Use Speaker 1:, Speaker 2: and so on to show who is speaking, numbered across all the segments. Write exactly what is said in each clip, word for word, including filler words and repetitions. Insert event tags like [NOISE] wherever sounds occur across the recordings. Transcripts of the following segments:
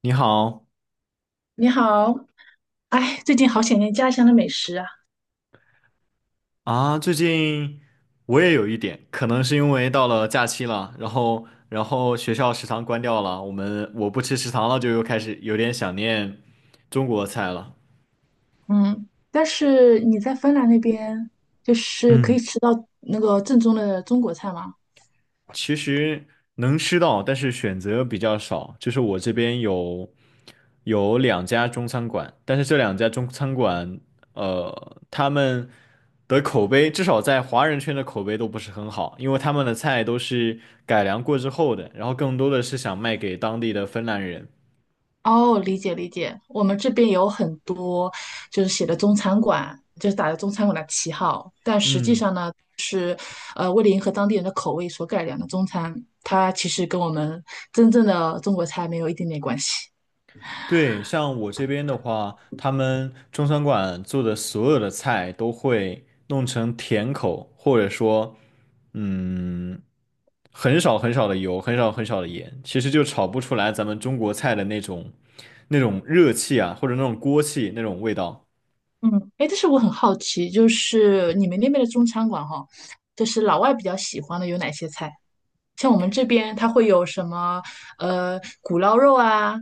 Speaker 1: 你好
Speaker 2: 你好，哎，最近好想念家乡的美食啊。
Speaker 1: 啊，最近我也有一点，可能是因为到了假期了，然后然后学校食堂关掉了，我们我不吃食堂了，就又开始有点想念中国菜了。
Speaker 2: 嗯，但是你在芬兰那边，就是可
Speaker 1: 嗯。
Speaker 2: 以吃到那个正宗的中国菜吗？
Speaker 1: 其实能吃到，但是选择比较少。就是我这边有有两家中餐馆，但是这两家中餐馆，呃，他们的口碑至少在华人圈的口碑都不是很好，因为他们的菜都是改良过之后的，然后更多的是想卖给当地的芬兰人。
Speaker 2: 哦，理解理解。我们这边有很多就是写的中餐馆，就是打着中餐馆的旗号，但实际
Speaker 1: 嗯。
Speaker 2: 上呢，呃，为了迎合当地人的口味所改良的中餐，它其实跟我们真正的中国菜没有一点点关系。
Speaker 1: 对，像我这边的话，他们中餐馆做的所有的菜都会弄成甜口，或者说，嗯，很少很少的油，很少很少的盐，其实就炒不出来咱们中国菜的那种那种热气啊，或者那种锅气那种味道。
Speaker 2: 嗯，哎，但是我很好奇，就是你们那边的中餐馆哈，就是老外比较喜欢的有哪些菜？像我们这边，它会有什么呃古捞肉啊，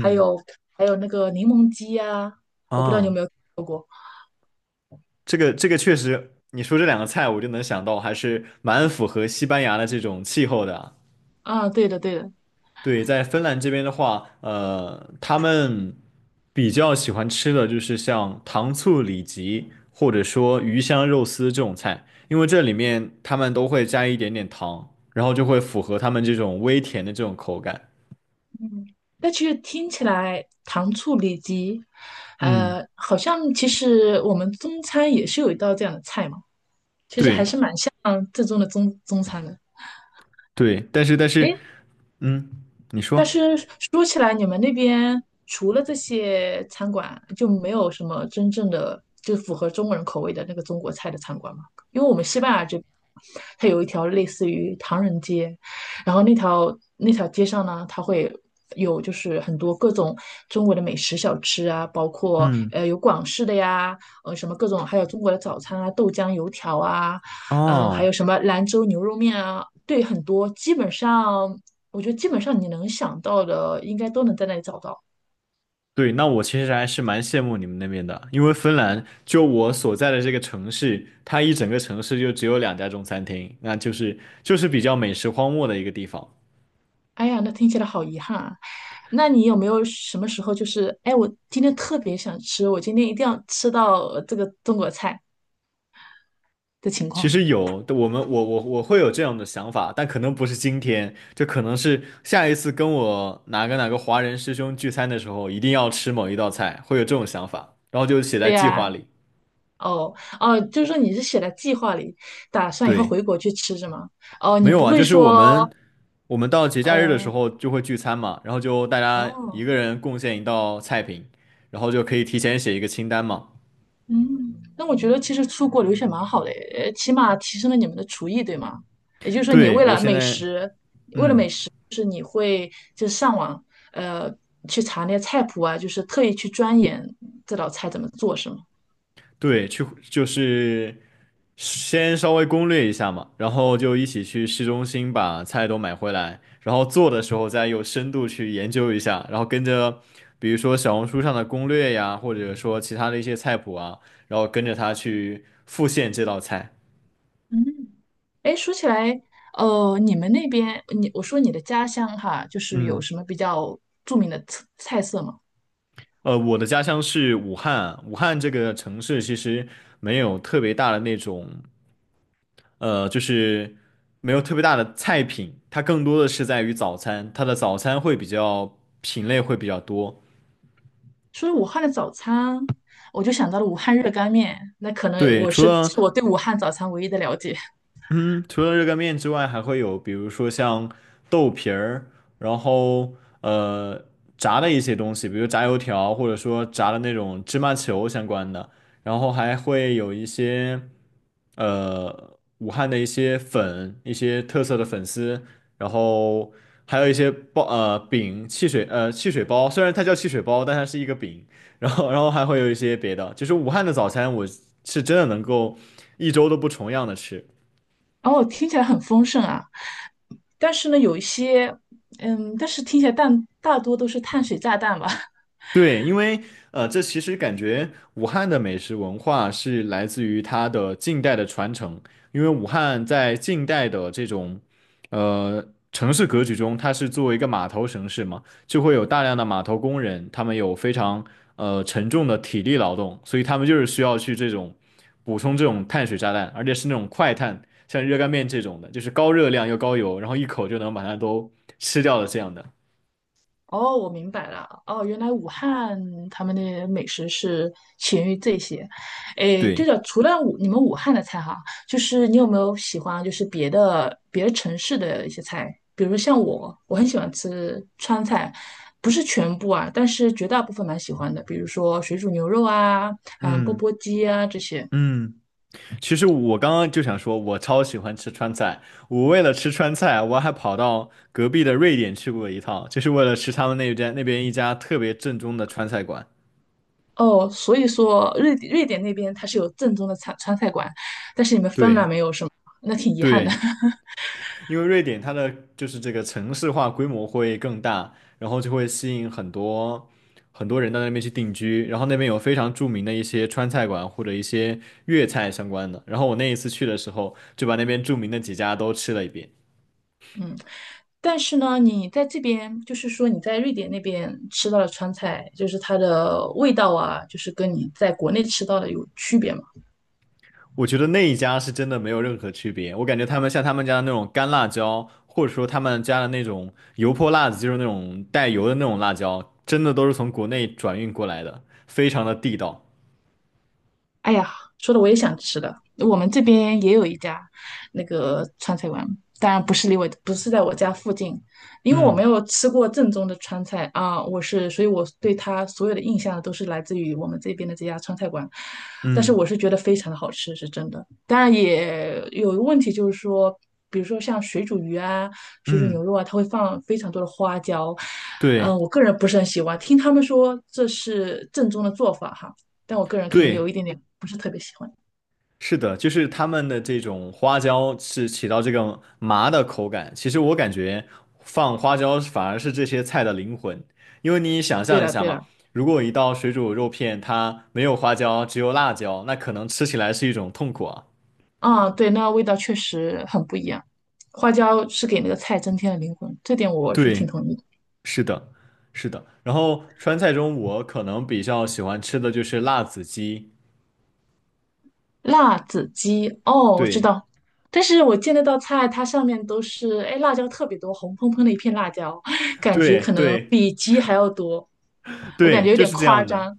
Speaker 2: 还有还有那个柠檬鸡啊，我不知道你有
Speaker 1: 啊，
Speaker 2: 没有吃过
Speaker 1: 这个这个确实，你说这两个菜，我就能想到，还是蛮符合西班牙的这种气候的啊。
Speaker 2: 啊？对的，对的。
Speaker 1: 对，在芬兰这边的话，呃，他们比较喜欢吃的就是像糖醋里脊，或者说鱼香肉丝这种菜，因为这里面他们都会加一点点糖，然后就会符合他们这种微甜的这种口感。
Speaker 2: 但其实听起来糖醋里脊，
Speaker 1: 嗯，
Speaker 2: 呃，好像其实我们中餐也是有一道这样的菜嘛，
Speaker 1: 对
Speaker 2: 嗯，正宗的中中餐的。
Speaker 1: 对，但是但是，嗯，你
Speaker 2: 但
Speaker 1: 说，
Speaker 2: 是说起来，你们那边除了这些餐馆，就没有什么真正的就符合中国人口味的那个中国菜的餐馆吗？因为我们西班牙这边，它有一条类似于唐人街，然后那条那条街上呢，它会有就是很多各种中国的美食小吃啊，包括
Speaker 1: 嗯，
Speaker 2: 呃有广式的呀，呃什么各种，还有中国的早餐啊，豆浆油条啊，嗯、还
Speaker 1: 哦。
Speaker 2: 有什么兰州牛肉面啊，对，很多基本上。我觉得基本上你能想到的，应该都能在那里找到。
Speaker 1: 对，那我其实还是蛮羡慕你们那边的，因为芬兰就我所在的这个城市，它一整个城市就只有两家中餐厅，那就是就是比较美食荒漠的一个地方。
Speaker 2: 哎呀，那听起来好遗憾啊！那你有没有什么时候就是，哎，我今天特别想吃，我今天一定要吃到这个中国菜的情
Speaker 1: 其
Speaker 2: 况？
Speaker 1: 实有，我们我我我会有这样的想法，但可能不是今天，就可能是下一次跟我哪个哪个华人师兄聚餐的时候，一定要吃某一道菜，会有这种想法，然后就写在
Speaker 2: 对
Speaker 1: 计划
Speaker 2: 呀、
Speaker 1: 里。
Speaker 2: 哦哦，就是说你是写在计划里，打算以后
Speaker 1: 对。
Speaker 2: 回国去吃是吗？哦，
Speaker 1: 没
Speaker 2: 你
Speaker 1: 有
Speaker 2: 不
Speaker 1: 啊，
Speaker 2: 会
Speaker 1: 就是我们
Speaker 2: 说，
Speaker 1: 我们到节假日的时
Speaker 2: 嗯、
Speaker 1: 候就会聚餐嘛，然后就大家一
Speaker 2: 哦，
Speaker 1: 个人贡献一道菜品，然后就可以提前写一个清单嘛。
Speaker 2: 嗯，那我觉得其实出国留学蛮好的诶，呃起码提升了你们的厨艺，对吗？也就是说，你
Speaker 1: 对，
Speaker 2: 为
Speaker 1: 我
Speaker 2: 了
Speaker 1: 现
Speaker 2: 美
Speaker 1: 在，
Speaker 2: 食
Speaker 1: 嗯，
Speaker 2: 就是上网呃去查那些菜谱啊，就是特意去钻研这道菜怎么做，是吗？
Speaker 1: 对，去就是先稍微攻略一下嘛，然后就一起去市中心把菜都买回来，然后做的时候再有深度去研究一下，然后跟着比如说小红书上的攻略呀，或者说其他的一些菜谱啊，然后跟着他去复现这道菜。
Speaker 2: 嗯，哎，说起来，哦，你们那边，你我说你的家乡哈，就是有
Speaker 1: 嗯。
Speaker 2: 什么比较著名的菜菜色吗？
Speaker 1: 呃，我的家乡是武汉，武汉这个城市其实没有特别大的那种，呃，就是没有特别大的菜品，它更多的是在于早餐，它的早餐会比较品类会比较多。
Speaker 2: 说武汉的早餐，我就想到了武汉热干面，那可能
Speaker 1: 对，
Speaker 2: 我
Speaker 1: 除
Speaker 2: 是
Speaker 1: 了
Speaker 2: 是我对武汉早餐唯一的了解。[LAUGHS]
Speaker 1: 嗯，除了热干面之外，还会有比如说像豆皮儿，然后呃炸的一些东西，比如炸油条，或者说炸的那种芝麻球相关的，然后还会有一些呃武汉的一些粉，一些特色的粉丝，然后还有一些包呃饼、汽水呃汽水包，虽然它叫汽水包，但它是一个饼，然后然后还会有一些别的，就是武汉的早餐，我是真的能够一周都不重样的吃。
Speaker 2: 然后听起来很丰盛啊，但是呢，有一些，嗯，但是听起来但大多都是碳水炸弹吧。[LAUGHS]
Speaker 1: 对，因为呃，这其实感觉武汉的美食文化是来自于它的近代的传承，因为武汉在近代的这种呃城市格局中，它是作为一个码头城市嘛，就会有大量的码头工人，他们有非常呃沉重的体力劳动，所以他们就是需要去这种补充这种碳水炸弹，而且是那种快碳，像热干面这种的，就是高热量又高油，然后一口就能把它都吃掉的这样的。
Speaker 2: 哦，我明白了。哦，原来武汉他们的美食是起源于这些。诶，对
Speaker 1: 对，
Speaker 2: 了，除了武你们武汉的菜哈，就是你有没有喜欢就是别的别的城市的一些菜？比如说像我，我很喜欢吃川菜，不是全部啊，但是绝大部分蛮喜欢的。比如说水煮牛肉啊，嗯，钵
Speaker 1: 嗯
Speaker 2: 钵鸡啊这些。
Speaker 1: 嗯。其实我刚刚就想说，我超喜欢吃川菜。我为了吃川菜，我还跑到隔壁的瑞典去过一趟，就是为了吃他们那边那边一家特别正宗的川菜馆。
Speaker 2: 哦，所以说瑞瑞典那边它是有正宗的川川菜馆，但是你们芬
Speaker 1: 对
Speaker 2: 兰没有是吗？那挺遗憾的。
Speaker 1: 对，因为瑞典它的就是这个城市化规模会更大，然后就会吸引很多很多人到那边去定居，然后那边有非常著名的一些川菜馆或者一些粤菜相关的。然后我那一次去的时候，就把那边著名的几家都吃了一遍。
Speaker 2: [LAUGHS] 嗯。但是呢，你在这边，就是说你在瑞典那边吃到的川菜，就是它的味道啊，就是跟你在国内吃到的有区别嘛。
Speaker 1: 我觉得那一家是真的没有任何区别，我感觉他们像他们家的那种干辣椒，或者说他们家的那种油泼辣子，就是那种带油的那种辣椒，真的都是从国内转运过来的，非常的地道。
Speaker 2: 哎呀，说的我也想吃了。我们这边也有一家那个川菜馆，当然不是离我，不是在我家附近，因为我没
Speaker 1: 嗯
Speaker 2: 有吃过正宗的川菜啊，我是，所以我对它所有的印象都是来自于我们这边的这家川菜馆。但是我
Speaker 1: 嗯
Speaker 2: 是觉得非常的好吃，是真的。当然也有一个问题，就是说，比如说像水煮鱼啊、水煮
Speaker 1: 嗯，
Speaker 2: 牛肉啊，它会放非常多的花椒，
Speaker 1: 对
Speaker 2: 嗯，我个人不是很喜欢。听他们说这是正宗的做法哈。但我个人可能有
Speaker 1: 对，
Speaker 2: 一点点不是特别喜欢。
Speaker 1: 是的，就是他们的这种花椒是起到这个麻的口感。其实我感觉放花椒反而是这些菜的灵魂，因为你想
Speaker 2: 对
Speaker 1: 象一
Speaker 2: 了
Speaker 1: 下
Speaker 2: 对
Speaker 1: 嘛，
Speaker 2: 了，
Speaker 1: 如果一道水煮肉片它没有花椒，只有辣椒，那可能吃起来是一种痛苦啊。
Speaker 2: 啊，对，那味道确实很不一样。花椒是给那个菜增添了灵魂，这点我是挺
Speaker 1: 对，
Speaker 2: 同意的
Speaker 1: 是的，是的。然后川菜中，我可能比较喜欢吃的就是辣子鸡。
Speaker 2: 辣子鸡，哦，我知
Speaker 1: 对，
Speaker 2: 道，但是我见那道菜，它上面都是，哎，辣椒特别多，红喷喷的一片辣椒，[LAUGHS] [SUCKS TEETH] 感觉
Speaker 1: 对，
Speaker 2: 可能
Speaker 1: 对，
Speaker 2: 比鸡还要多，我感
Speaker 1: 对，
Speaker 2: 觉有
Speaker 1: 就
Speaker 2: 点
Speaker 1: 是这
Speaker 2: 夸
Speaker 1: 样的。
Speaker 2: 张。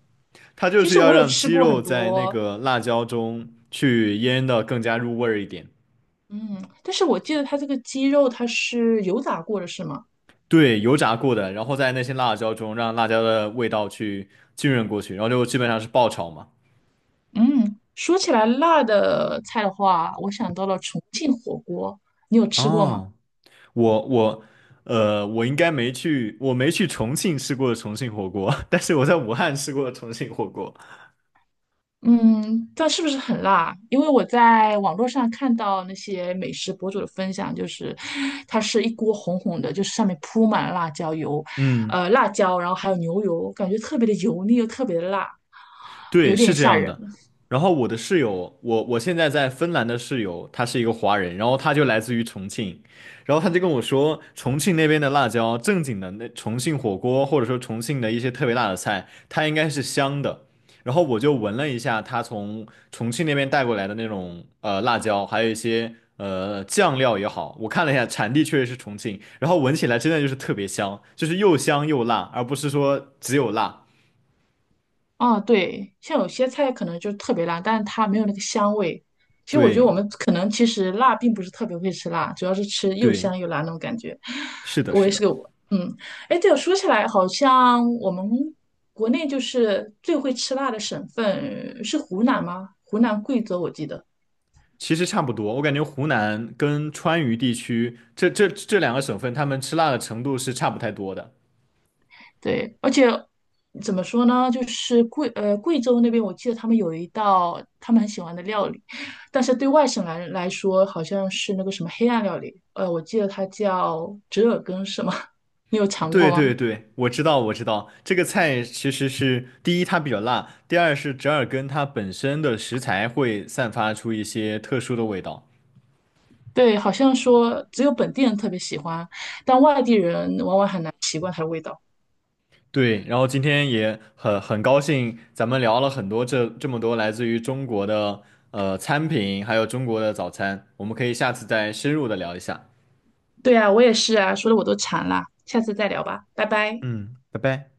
Speaker 1: 它就
Speaker 2: 其
Speaker 1: 是
Speaker 2: 实
Speaker 1: 要
Speaker 2: 我有
Speaker 1: 让
Speaker 2: 吃
Speaker 1: 鸡
Speaker 2: 过很
Speaker 1: 肉在那
Speaker 2: 多，
Speaker 1: 个辣椒中去腌的更加入味儿一点。
Speaker 2: 嗯，但是我记得它这个鸡肉它是油炸过的，是吗？
Speaker 1: 对，油炸过的，然后在那些辣椒中让辣椒的味道去浸润过去，然后就基本上是爆炒嘛。
Speaker 2: 嗯，说起来辣的菜的话，我想到了重庆火锅，你有吃过吗？
Speaker 1: 哦，我我呃，我应该没去，我没去重庆吃过重庆火锅，[LAUGHS] 但是我在武汉吃过重庆火锅。
Speaker 2: 嗯，但是不是很辣？因为我在网络上看到那些美食博主的分享，就是它是一锅红红的，就是上面铺满了辣椒油，
Speaker 1: 嗯。
Speaker 2: 呃，辣椒，然后还有牛油，感觉特别的油腻又特别的辣，
Speaker 1: 对，
Speaker 2: 有
Speaker 1: 是
Speaker 2: 点
Speaker 1: 这
Speaker 2: 吓
Speaker 1: 样
Speaker 2: 人。
Speaker 1: 的。然后我的室友，我我现在在芬兰的室友，他是一个华人，然后他就来自于重庆，然后他就跟我说，重庆那边的辣椒，正经的那重庆火锅，或者说重庆的一些特别辣的菜，它应该是香的。然后我就闻了一下他从重庆那边带过来的那种呃辣椒，还有一些呃酱料也好，我看了一下，产地确实是重庆，然后闻起来真的就是特别香，就是又香又辣，而不是说只有辣。
Speaker 2: 啊，对，像有些菜可能就特别辣，但是它没有那个香味。其实我觉得
Speaker 1: 对
Speaker 2: 我们可能其实辣并不是特别会吃辣，主要是吃又
Speaker 1: 对。
Speaker 2: 香又辣那种感觉。
Speaker 1: 是的，
Speaker 2: 我
Speaker 1: 是
Speaker 2: 也是
Speaker 1: 的，
Speaker 2: 个我，嗯，哎，对，我说起来，好像我们国内就是最会吃辣的省份是湖南吗？湖南、贵州，我记得。
Speaker 1: 其实差不多。我感觉湖南跟川渝地区这这这两个省份，他们吃辣的程度是差不太多的。
Speaker 2: 对，而且怎么说呢，就是贵呃贵州那边，我记得他们有一道他们很喜欢的料理，但是对外省来人来说，好像是那个什么黑暗料理，呃，我记得它叫折耳根，是吗？[LAUGHS] 你有尝过
Speaker 1: 对对
Speaker 2: 吗？
Speaker 1: 对，我知道，我知道，这个菜其实是第一它比较辣，第二是折耳根它本身的食材会散发出一些特殊的味道。
Speaker 2: 对，好像说只有本地人特别喜欢，但外地人往往很难习惯它的味道。
Speaker 1: 对，然后今天也很很高兴，咱们聊了很多这这么多来自于中国的呃餐品，还有中国的早餐，我们可以下次再深入的聊一下。
Speaker 2: 对啊，我也是啊，说的我都馋了，下次再聊吧，拜拜。
Speaker 1: 嗯，拜拜。